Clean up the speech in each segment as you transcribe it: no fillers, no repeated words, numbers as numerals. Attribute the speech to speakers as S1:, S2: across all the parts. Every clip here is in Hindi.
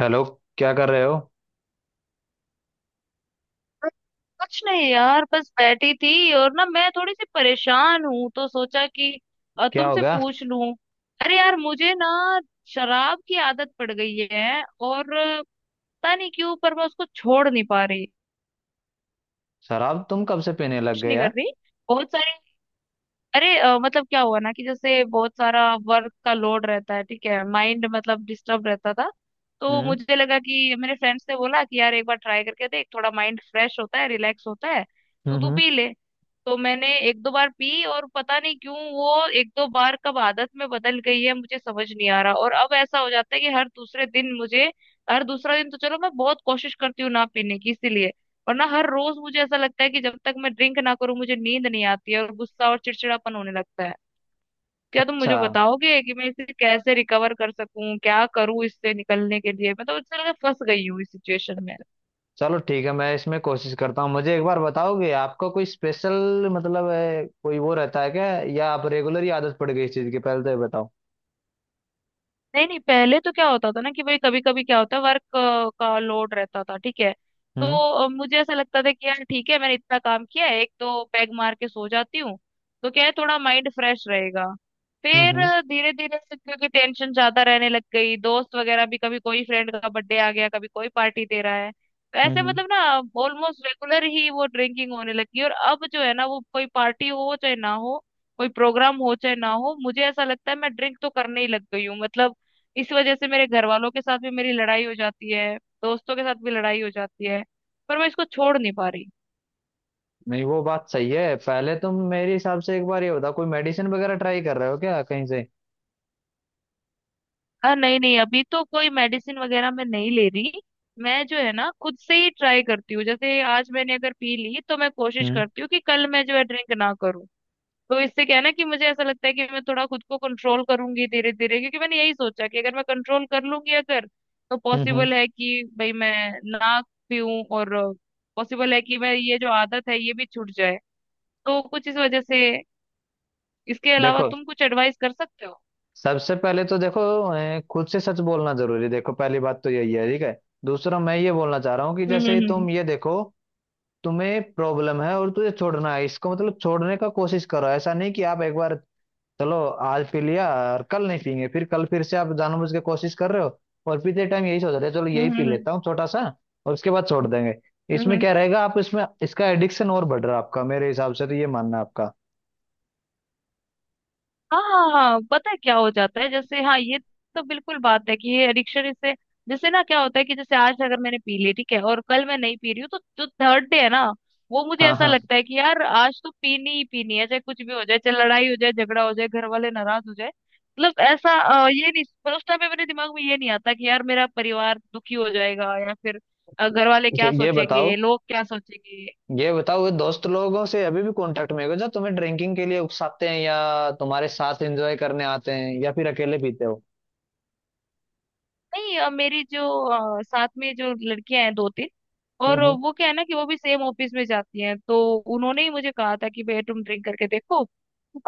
S1: हेलो। क्या कर रहे हो?
S2: कुछ नहीं यार, बस बैठी थी और ना, मैं थोड़ी सी परेशान हूँ, तो सोचा कि
S1: क्या हो
S2: तुमसे
S1: गया?
S2: पूछ लूं। अरे यार, मुझे ना शराब की आदत पड़ गई है, और पता नहीं क्यों पर मैं उसको छोड़ नहीं पा रही।
S1: शराब तुम कब से पीने लग
S2: कुछ
S1: गए
S2: नहीं कर
S1: यार?
S2: रही। बहुत सारी। अरे, मतलब क्या हुआ ना कि जैसे बहुत सारा वर्क का लोड रहता है, ठीक है, माइंड मतलब डिस्टर्ब रहता था। तो
S1: हम्म।
S2: मुझे लगा कि, मेरे फ्रेंड्स ने बोला कि यार एक बार ट्राई करके देख, थोड़ा माइंड फ्रेश होता है, रिलैक्स होता है, तो
S1: हम्म,
S2: तू पी ले। तो मैंने एक दो बार पी, और पता नहीं क्यों वो एक दो बार कब आदत में बदल गई है मुझे समझ नहीं आ रहा। और अब ऐसा हो जाता है कि हर दूसरे दिन मुझे, हर दूसरा दिन तो चलो मैं बहुत कोशिश करती हूँ ना पीने की, इसीलिए। और ना, हर रोज मुझे ऐसा लगता है कि जब तक मैं ड्रिंक ना करूं मुझे नींद नहीं आती है, और गुस्सा और चिड़चिड़ापन होने लगता है। क्या तुम
S1: अच्छा,
S2: मुझे बताओगे कि मैं इसे कैसे रिकवर कर सकूं, क्या करूं इससे निकलने के लिए? मैं तो, मुझे लगा फंस गई हूँ इस सिचुएशन में।
S1: चलो ठीक है, मैं इसमें कोशिश करता हूँ। मुझे एक बार बताओगे, आपका कोई स्पेशल मतलब है, कोई वो रहता है क्या, या आप रेगुलर ही आदत पड़ गई इस चीज की? पहले तो ये बताओ।
S2: नहीं नहीं, पहले तो क्या होता था ना कि भाई, कभी कभी क्या होता है वर्क का लोड रहता था, ठीक है। तो
S1: हम्म,
S2: मुझे ऐसा लगता था कि यार ठीक है, मैंने इतना काम किया है, एक तो पैग मार के सो जाती हूँ, तो क्या है, थोड़ा माइंड फ्रेश रहेगा।
S1: हम्म,
S2: फिर
S1: हम्म,
S2: धीरे धीरे से, क्योंकि टेंशन ज्यादा रहने लग गई, दोस्त वगैरह भी, कभी कोई फ्रेंड का बर्थडे आ गया, कभी कोई पार्टी दे रहा है, तो ऐसे
S1: हम्म।
S2: मतलब ना, ऑलमोस्ट रेगुलर ही वो ड्रिंकिंग होने लगी। और अब जो है ना, वो कोई पार्टी हो चाहे ना हो, कोई प्रोग्राम हो चाहे ना हो, मुझे ऐसा लगता है मैं ड्रिंक तो करने ही लग गई हूँ, मतलब इस वजह से मेरे घर वालों के साथ भी मेरी लड़ाई हो जाती है, दोस्तों के साथ भी लड़ाई हो जाती है, पर मैं इसको छोड़ नहीं पा रही।
S1: नहीं, वो बात सही है। पहले तुम, मेरे हिसाब से, एक बार ये बताओ, कोई मेडिसिन वगैरह ट्राई कर रहे हो क्या कहीं से?
S2: हाँ, नहीं नहीं, अभी तो कोई मेडिसिन वगैरह मैं नहीं ले रही। मैं जो है ना, खुद से ही ट्राई करती हूँ, जैसे आज मैंने अगर पी ली तो मैं कोशिश
S1: हम्म,
S2: करती हूँ कि कल मैं जो है ड्रिंक ना करूँ। तो इससे क्या है ना कि मुझे ऐसा लगता है कि मैं थोड़ा खुद को कंट्रोल करूंगी धीरे धीरे, क्योंकि मैंने यही सोचा कि अगर मैं कंट्रोल कर लूंगी, अगर, तो
S1: हम्म, हम्म।
S2: पॉसिबल है कि भाई मैं ना पीऊं, और पॉसिबल है कि मैं ये जो आदत है ये भी छूट जाए। तो कुछ इस वजह से। इसके अलावा
S1: देखो,
S2: तुम कुछ एडवाइस कर सकते हो?
S1: सबसे पहले तो देखो, खुद से सच बोलना जरूरी है। देखो, पहली बात तो यही है, ठीक है। दूसरा, मैं ये बोलना चाह रहा हूँ कि
S2: हम्म,
S1: जैसे
S2: हम्म,
S1: तुम ये देखो, तुम्हें प्रॉब्लम है और तुझे छोड़ना है इसको, मतलब छोड़ने का कोशिश करो। ऐसा नहीं कि आप एक बार, चलो, आज पी लिया और कल नहीं पीएंगे, फिर कल फिर से आप जानबूझ के कोशिश कर रहे हो। और पीते टाइम यही सोच रहे हो, चलो यही
S2: हम्म,
S1: पी
S2: हम्म,
S1: लेता हूँ छोटा सा और उसके बाद छोड़ देंगे।
S2: हम्म,
S1: इसमें क्या
S2: हम्म।
S1: रहेगा? आप इसमें इसका एडिक्शन और बढ़ रहा है आपका, मेरे हिसाब से तो ये मानना है आपका।
S2: हाँ पता है क्या हो जाता है, जैसे, हाँ ये तो बिल्कुल बात है कि ये एडिक्शन, इससे, जैसे ना क्या होता है कि जैसे आज अगर मैंने पी ली ठीक है, और कल मैं नहीं पी रही हूँ, तो जो थर्ड डे है ना वो मुझे
S1: हाँ,
S2: ऐसा
S1: हाँ।
S2: लगता है कि यार आज तो पीनी ही पीनी है, चाहे कुछ भी हो जाए, चाहे लड़ाई हो जाए, झगड़ा हो जाए, घर वाले नाराज हो जाए, मतलब ऐसा, ये नहीं, पर उस टाइम पे मेरे दिमाग में ये नहीं आता कि यार मेरा परिवार दुखी हो जाएगा, या फिर घर वाले
S1: तो
S2: क्या
S1: ये बताओ,
S2: सोचेंगे, लोग क्या सोचेंगे।
S1: ये दोस्त लोगों से अभी भी कांटेक्ट में हो, जो तुम्हें ड्रिंकिंग के लिए उकसाते हैं या तुम्हारे साथ एंजॉय करने आते हैं, या फिर अकेले पीते हो?
S2: नहीं, मेरी जो साथ में जो लड़कियां हैं, दो तीन,
S1: हम्म,
S2: और वो क्या है ना कि वो भी सेम ऑफिस में जाती हैं, तो उन्होंने ही मुझे कहा था कि भैया तुम ड्रिंक करके देखो।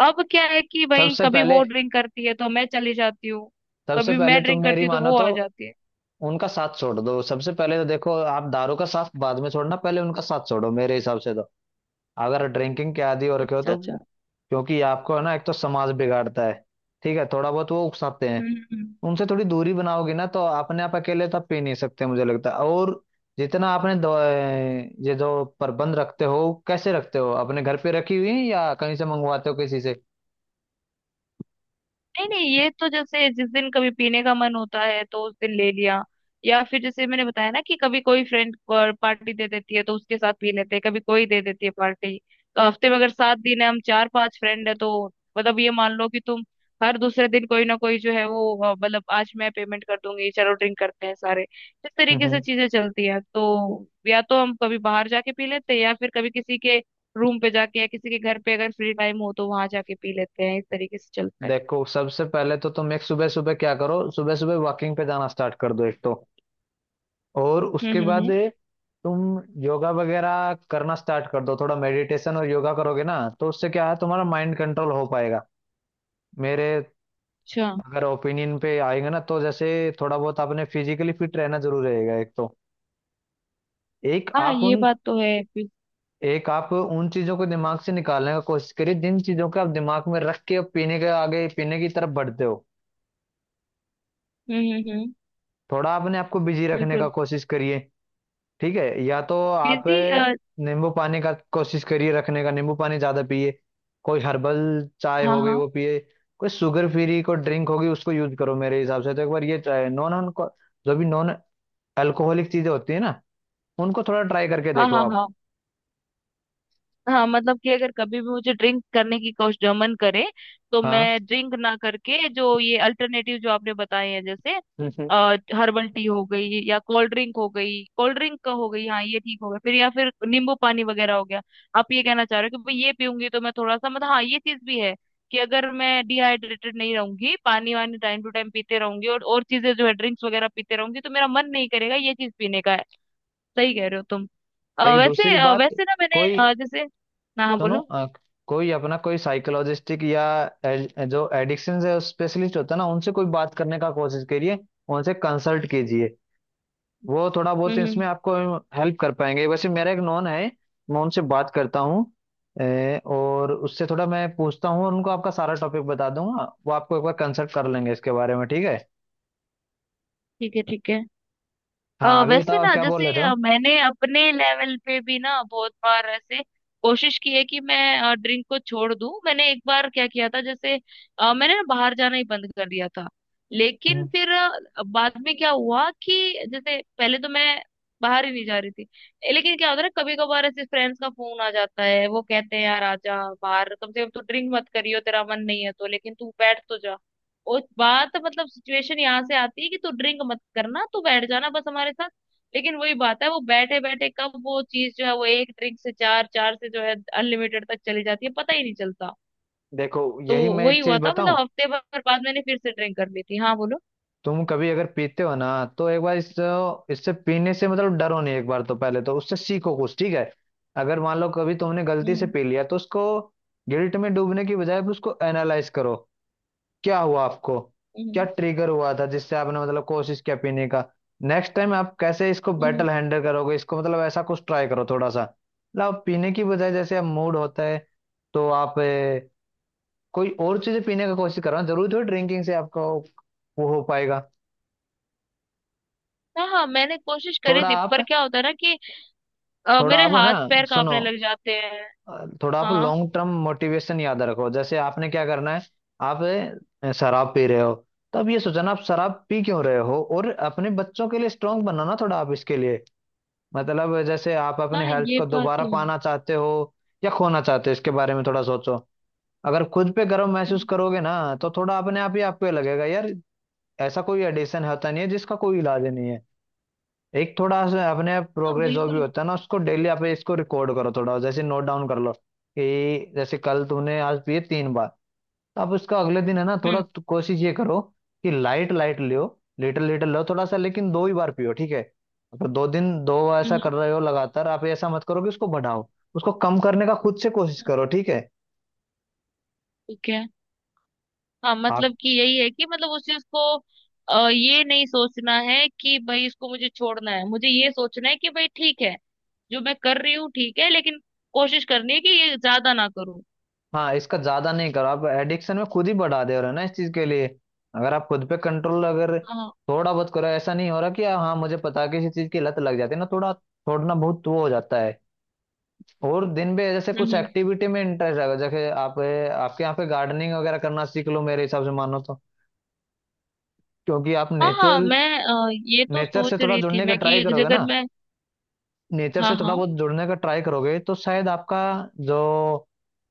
S2: अब क्या है कि भाई,
S1: सबसे
S2: कभी
S1: पहले
S2: वो ड्रिंक करती है तो मैं चली जाती हूँ,
S1: सबसे
S2: कभी
S1: पहले
S2: मैं
S1: तुम
S2: ड्रिंक
S1: मेरी
S2: करती हूँ तो
S1: मानो
S2: वो
S1: तो
S2: आ जाती है।
S1: उनका साथ छोड़ दो। सबसे पहले तो देखो, आप दारू का साथ बाद में छोड़ना, पहले उनका साथ छोड़ो, मेरे हिसाब से तो, अगर ड्रिंकिंग के आदी हो रखे हो
S2: अच्छा,
S1: तो।
S2: अच्छा।
S1: क्योंकि आपको, है ना, एक तो समाज बिगाड़ता है, ठीक है, थोड़ा बहुत वो उकसाते हैं।
S2: हम्म।
S1: उनसे थोड़ी दूरी बनाओगे ना तो अपने आप, अकेले तो आप पी नहीं सकते मुझे लगता है। और जितना आपने ये जो प्रबंध रखते हो, कैसे रखते हो? अपने घर पे रखी हुई है या कहीं से मंगवाते हो किसी से?
S2: नहीं नहीं, ये तो जैसे जिस दिन कभी पीने का मन होता है तो उस दिन ले लिया, या फिर जैसे मैंने बताया ना कि कभी कोई फ्रेंड पार्टी दे देती है तो उसके साथ पी लेते हैं, कभी कोई दे देती है पार्टी। तो हफ्ते में अगर 7 दिन है, हम चार पांच फ्रेंड है, तो मतलब ये मान लो कि तुम हर दूसरे दिन कोई ना कोई जो है वो, मतलब आज मैं पेमेंट कर दूंगी, चलो ड्रिंक करते हैं सारे, इस
S1: हम्म,
S2: तरीके से चीजें चलती है। तो या तो हम कभी बाहर जाके पी लेते हैं, या फिर कभी किसी के रूम पे जाके, या किसी के घर पे अगर फ्री टाइम हो तो वहां जाके पी लेते हैं, इस तरीके से चलता है।
S1: देखो, सबसे पहले तो तुम एक, सुबह सुबह क्या करो, सुबह सुबह वॉकिंग पे जाना स्टार्ट कर दो एक तो, और
S2: हम्म,
S1: उसके
S2: हम्म,
S1: बाद
S2: हम्म।
S1: तुम योगा वगैरह करना स्टार्ट कर दो। थोड़ा मेडिटेशन और योगा करोगे ना तो उससे क्या है, तुम्हारा माइंड कंट्रोल हो पाएगा। मेरे
S2: अच्छा।
S1: अगर ओपिनियन पे आएंगे ना, तो जैसे थोड़ा बहुत आपने फिजिकली फिट रहना जरूर रहेगा एक तो। एक
S2: हाँ
S1: आप
S2: ये
S1: उन
S2: बात तो है
S1: एक आप उन चीजों को दिमाग से निकालने का कोशिश करिए, जिन चीजों को आप दिमाग में रख के अब पीने के आगे पीने की तरफ बढ़ते हो।
S2: हम्म, हम्म, हम्म।
S1: थोड़ा अपने आपको बिजी रखने का
S2: बिल्कुल,
S1: कोशिश करिए, ठीक है। या तो आप
S2: बिजी, हाँ,
S1: नींबू पानी का कोशिश करिए रखने का, नींबू पानी ज्यादा पिए, कोई हर्बल चाय हो गई
S2: हाँ,
S1: वो पिए, कोई शुगर फ्री कोई ड्रिंक होगी उसको यूज करो मेरे हिसाब से तो। एक बार ये चाय, नॉन जो भी नॉन अल्कोहलिक चीजें होती है ना, उनको थोड़ा ट्राई करके
S2: हाँ,
S1: देखो
S2: हाँ,
S1: आप।
S2: हाँ, हाँ मतलब कि अगर कभी भी मुझे ड्रिंक करने की कोशिश मन करे, तो
S1: हाँ,
S2: मैं ड्रिंक ना करके जो ये अल्टरनेटिव जो आपने बताए हैं, जैसे
S1: हम्म, हम्म।
S2: हर्बल टी हो गई, या कोल्ड ड्रिंक हो गई, कोल्ड ड्रिंक का हो गई, हाँ ये ठीक हो गया फिर, या फिर नींबू पानी वगैरह हो गया। आप ये कहना चाह रहे हो कि भाई ये पीऊंगी तो मैं थोड़ा सा, मतलब, हाँ ये चीज भी है कि अगर मैं डिहाइड्रेटेड नहीं रहूंगी, पानी वानी टाइम टू टाइम पीते रहूंगी, और चीजें जो है ड्रिंक्स वगैरह पीते रहूंगी, तो मेरा मन नहीं करेगा ये चीज पीने का है। सही कह रहे हो तुम।
S1: एक दूसरी बात,
S2: वैसे ना, मैंने
S1: कोई,
S2: जैसे, ना, हाँ
S1: सुनो,
S2: बोलो।
S1: कोई अपना कोई साइकोलॉजिस्टिक या जो एडिक्शन से स्पेशलिस्ट होता है ना, उनसे कोई बात करने का कोशिश करिए, उनसे कंसल्ट कीजिए। वो थोड़ा बहुत
S2: हम्म,
S1: इसमें आपको हेल्प कर पाएंगे। वैसे मेरा एक नॉन है, मैं उनसे बात करता हूँ। और उससे थोड़ा मैं पूछता हूँ, और उनको आपका सारा टॉपिक बता दूंगा, वो आपको एक बार कंसल्ट कर लेंगे इसके बारे में, ठीक है।
S2: ठीक है, ठीक है।
S1: हाँ, अभी
S2: वैसे
S1: बताओ आप
S2: ना,
S1: क्या बोल रहे
S2: जैसे
S1: थे?
S2: मैंने अपने लेवल पे भी ना बहुत बार ऐसे कोशिश की है कि मैं ड्रिंक को छोड़ दूं। मैंने एक बार क्या किया था, जैसे मैंने ना बाहर जाना ही बंद कर दिया था। लेकिन
S1: हम्म।
S2: फिर बाद में क्या हुआ कि जैसे पहले तो मैं बाहर ही नहीं जा रही थी, लेकिन क्या होता है ना, कभी कभार ऐसे फ्रेंड्स का फोन आ जाता है, वो कहते हैं यार आजा, बाहर कम से कम तू ड्रिंक मत करियो, तेरा मन नहीं है तो, लेकिन तू बैठ तो जा। और बात, मतलब सिचुएशन यहाँ से आती है कि तू ड्रिंक मत करना, तू बैठ जाना बस हमारे साथ। लेकिन वही बात है, वो बैठे बैठे कब वो चीज जो है वो एक ड्रिंक से चार, चार से जो है अनलिमिटेड तक चली जाती है, पता ही नहीं चलता।
S1: देखो,
S2: तो
S1: यही मैं एक
S2: वही
S1: चीज
S2: हुआ था,
S1: बताऊं,
S2: मतलब हफ्ते भर बाद मैंने फिर से ड्रिंक कर ली थी। हाँ बोलो।
S1: तुम कभी अगर पीते हो ना, तो एक बार इस इससे पीने से मतलब डरो नहीं, एक बार तो पहले तो उससे सीखो कुछ, ठीक है। अगर मान लो कभी तुमने गलती से
S2: हम्म,
S1: पी लिया, तो उसको गिल्ट में डूबने की बजाय उसको एनालाइज करो। क्या हुआ आपको, क्या
S2: हम्म,
S1: ट्रिगर हुआ था जिससे आपने मतलब कोशिश किया पीने का? नेक्स्ट टाइम आप कैसे इसको
S2: हम्म।
S1: बेटर हैंडल करोगे इसको, मतलब ऐसा कुछ ट्राई करो थोड़ा सा। मतलब आप पीने की बजाय जैसे आप मूड होता है, तो आप कोई और चीजें पीने का कोशिश करो, जरूर थोड़ी ड्रिंकिंग से आपको वो हो पाएगा।
S2: हाँ, हाँ मैंने कोशिश करी
S1: थोड़ा
S2: थी, पर
S1: आप
S2: क्या होता है ना कि
S1: थोड़ा
S2: मेरे
S1: आप है ना,
S2: हाथ पैर
S1: सुनो,
S2: कांपने लग जाते हैं।
S1: थोड़ा आप
S2: हाँ,
S1: लॉन्ग टर्म मोटिवेशन याद रखो, जैसे आपने क्या करना है। आप शराब पी रहे हो, तो अब ये सोचना आप शराब पी क्यों रहे हो, और अपने बच्चों के लिए स्ट्रांग बनना ना, थोड़ा आप इसके लिए, मतलब जैसे आप
S2: हाँ
S1: अपने हेल्थ
S2: ये
S1: को
S2: बात
S1: दोबारा
S2: तो है।
S1: पाना चाहते हो या खोना चाहते हो, इसके बारे में थोड़ा सोचो। अगर खुद पे गर्व महसूस करोगे ना, तो थोड़ा अपने आप ही आप पे लगेगा यार, ऐसा कोई एडिशन होता नहीं है जिसका कोई इलाज नहीं है। एक थोड़ा सा अपने
S2: हाँ,
S1: प्रोग्रेस जो भी
S2: बिल्कुल।
S1: होता है ना, उसको डेली आप इसको रिकॉर्ड करो, थोड़ा जैसे नोट डाउन कर लो कि जैसे कल तुमने आज पिए 3 बार, तो आप उसका अगले दिन है ना, थोड़ा
S2: हम्म,
S1: तो कोशिश ये करो कि लाइट लाइट लियो, लिटिल लिटिल लो, थोड़ा सा, लेकिन दो ही बार पियो, ठीक है। अगर 2 दिन 2 बार ऐसा
S2: हम्म,
S1: कर रहे हो लगातार, आप ऐसा मत करो कि उसको बढ़ाओ, उसको कम करने का खुद से कोशिश
S2: हम्म,
S1: करो, ठीक है।
S2: ठीक है। हाँ मतलब कि यही है कि, मतलब उस चीज को ये नहीं सोचना है कि भाई इसको मुझे छोड़ना है, मुझे ये सोचना है कि भाई ठीक है जो मैं कर रही हूँ, ठीक है, लेकिन कोशिश करनी है कि ये ज्यादा ना करूँ।
S1: हाँ, इसका ज्यादा नहीं करो, आप एडिक्शन में खुद ही बढ़ा दे रहे हो ना इस चीज के लिए। अगर आप खुद पे कंट्रोल, अगर
S2: हाँ।
S1: थोड़ा बहुत करो, ऐसा नहीं हो रहा कि, हाँ मुझे पता है, किसी चीज की लत लग जाती है ना, थोड़ा छोड़ना बहुत वो हो जाता है। और दिन में जैसे कुछ
S2: हम्म,
S1: एक्टिविटी में इंटरेस्ट आएगा, जैसे आप, आपके यहाँ पे गार्डनिंग वगैरह करना सीख लो मेरे हिसाब से मानो तो, क्योंकि आप
S2: हाँ, हाँ
S1: नेचुरल
S2: मैं ये तो
S1: नेचर से
S2: सोच
S1: थोड़ा
S2: रही थी
S1: जुड़ने का
S2: मैं कि
S1: ट्राई
S2: एक
S1: करोगे
S2: जगह
S1: ना,
S2: मैं,
S1: नेचर
S2: हाँ,
S1: से थोड़ा
S2: हाँ।
S1: बहुत जुड़ने का ट्राई करोगे तो शायद आपका जो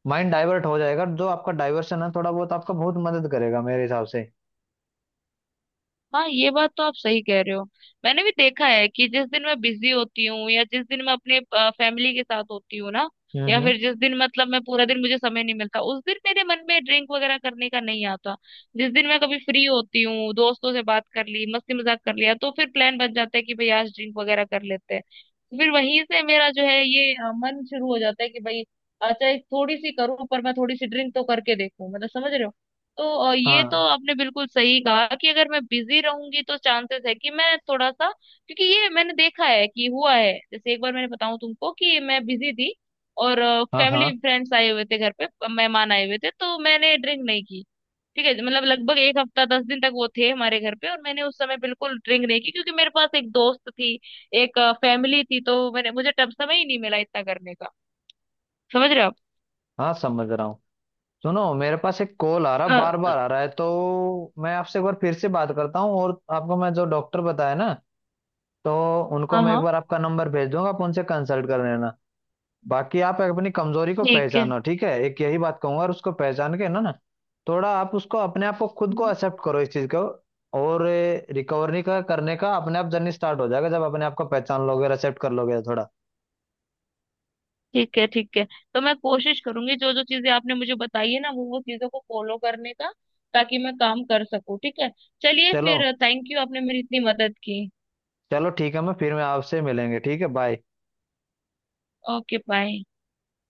S1: माइंड डाइवर्ट हो जाएगा, जो आपका डाइवर्शन है, थोड़ा बहुत आपका बहुत मदद करेगा मेरे हिसाब से।
S2: हाँ ये बात तो आप सही कह रहे हो। मैंने भी देखा है कि जिस दिन मैं बिजी होती हूँ, या जिस दिन मैं अपने फैमिली के साथ होती हूँ ना,
S1: हम्म,
S2: या फिर जिस दिन मतलब मैं पूरा दिन, मुझे समय नहीं मिलता, उस दिन मेरे मन में ड्रिंक वगैरह करने का नहीं आता। जिस दिन मैं कभी फ्री होती हूँ, दोस्तों से बात कर ली, मस्ती मजाक कर लिया, तो फिर प्लान बन जाता है कि भाई आज ड्रिंक वगैरह कर लेते हैं। फिर वहीं से मेरा जो है ये मन शुरू हो जाता है कि भाई अच्छा एक थोड़ी सी करूँ, पर मैं थोड़ी सी ड्रिंक तो करके देखूं, मतलब समझ रहे हो। तो ये तो
S1: हाँ,
S2: आपने बिल्कुल सही कहा कि अगर मैं बिजी रहूंगी तो चांसेस है कि मैं थोड़ा सा, क्योंकि ये मैंने देखा है कि हुआ है, जैसे एक बार मैंने बताऊं तुमको कि मैं बिजी थी, और
S1: हाँ, हाँ।
S2: फैमिली फ्रेंड्स आए हुए थे घर पे, मेहमान आए हुए थे, तो मैंने ड्रिंक नहीं की। ठीक है, मतलब लगभग एक हफ्ता 10 दिन तक वो थे हमारे घर पे, और मैंने उस समय बिल्कुल ड्रिंक नहीं की, क्योंकि मेरे पास एक दोस्त थी, एक फैमिली थी, तो मैंने मुझे तब समय ही नहीं मिला इतना करने का। समझ रहे हो आप?
S1: हाँ, समझ रहा हूँ। सुनो, मेरे पास एक कॉल आ रहा, बार
S2: हाँ,
S1: बार आ रहा है, तो मैं आपसे एक बार फिर से बात करता हूँ। और आपको मैं जो डॉक्टर बताया ना, तो उनको
S2: हाँ,
S1: मैं एक
S2: हाँ,
S1: बार आपका नंबर भेज दूंगा, आप उनसे कंसल्ट कर लेना। बाकी आप अपनी कमजोरी को
S2: ठीक
S1: पहचानो, ठीक है, एक यही बात कहूंगा, और उसको पहचान के ना ना, थोड़ा आप उसको, अपने आप को, खुद को
S2: है,
S1: एक्सेप्ट करो इस चीज को, और रिकवरी का करने का अपने आप जर्नी स्टार्ट हो जाएगा, जब अपने आप को पहचान लोगे और accept कर लोगे थोड़ा।
S2: ठीक है, ठीक है। तो मैं कोशिश करूंगी जो जो चीजें आपने मुझे बताई है ना, वो चीजों को फॉलो करने का, ताकि मैं काम कर सकूं, ठीक है। चलिए
S1: चलो,
S2: फिर, थैंक यू, आपने मेरी इतनी मदद की।
S1: चलो ठीक है, मैं फिर मैं आपसे मिलेंगे, ठीक है, बाय।
S2: Okay, bye.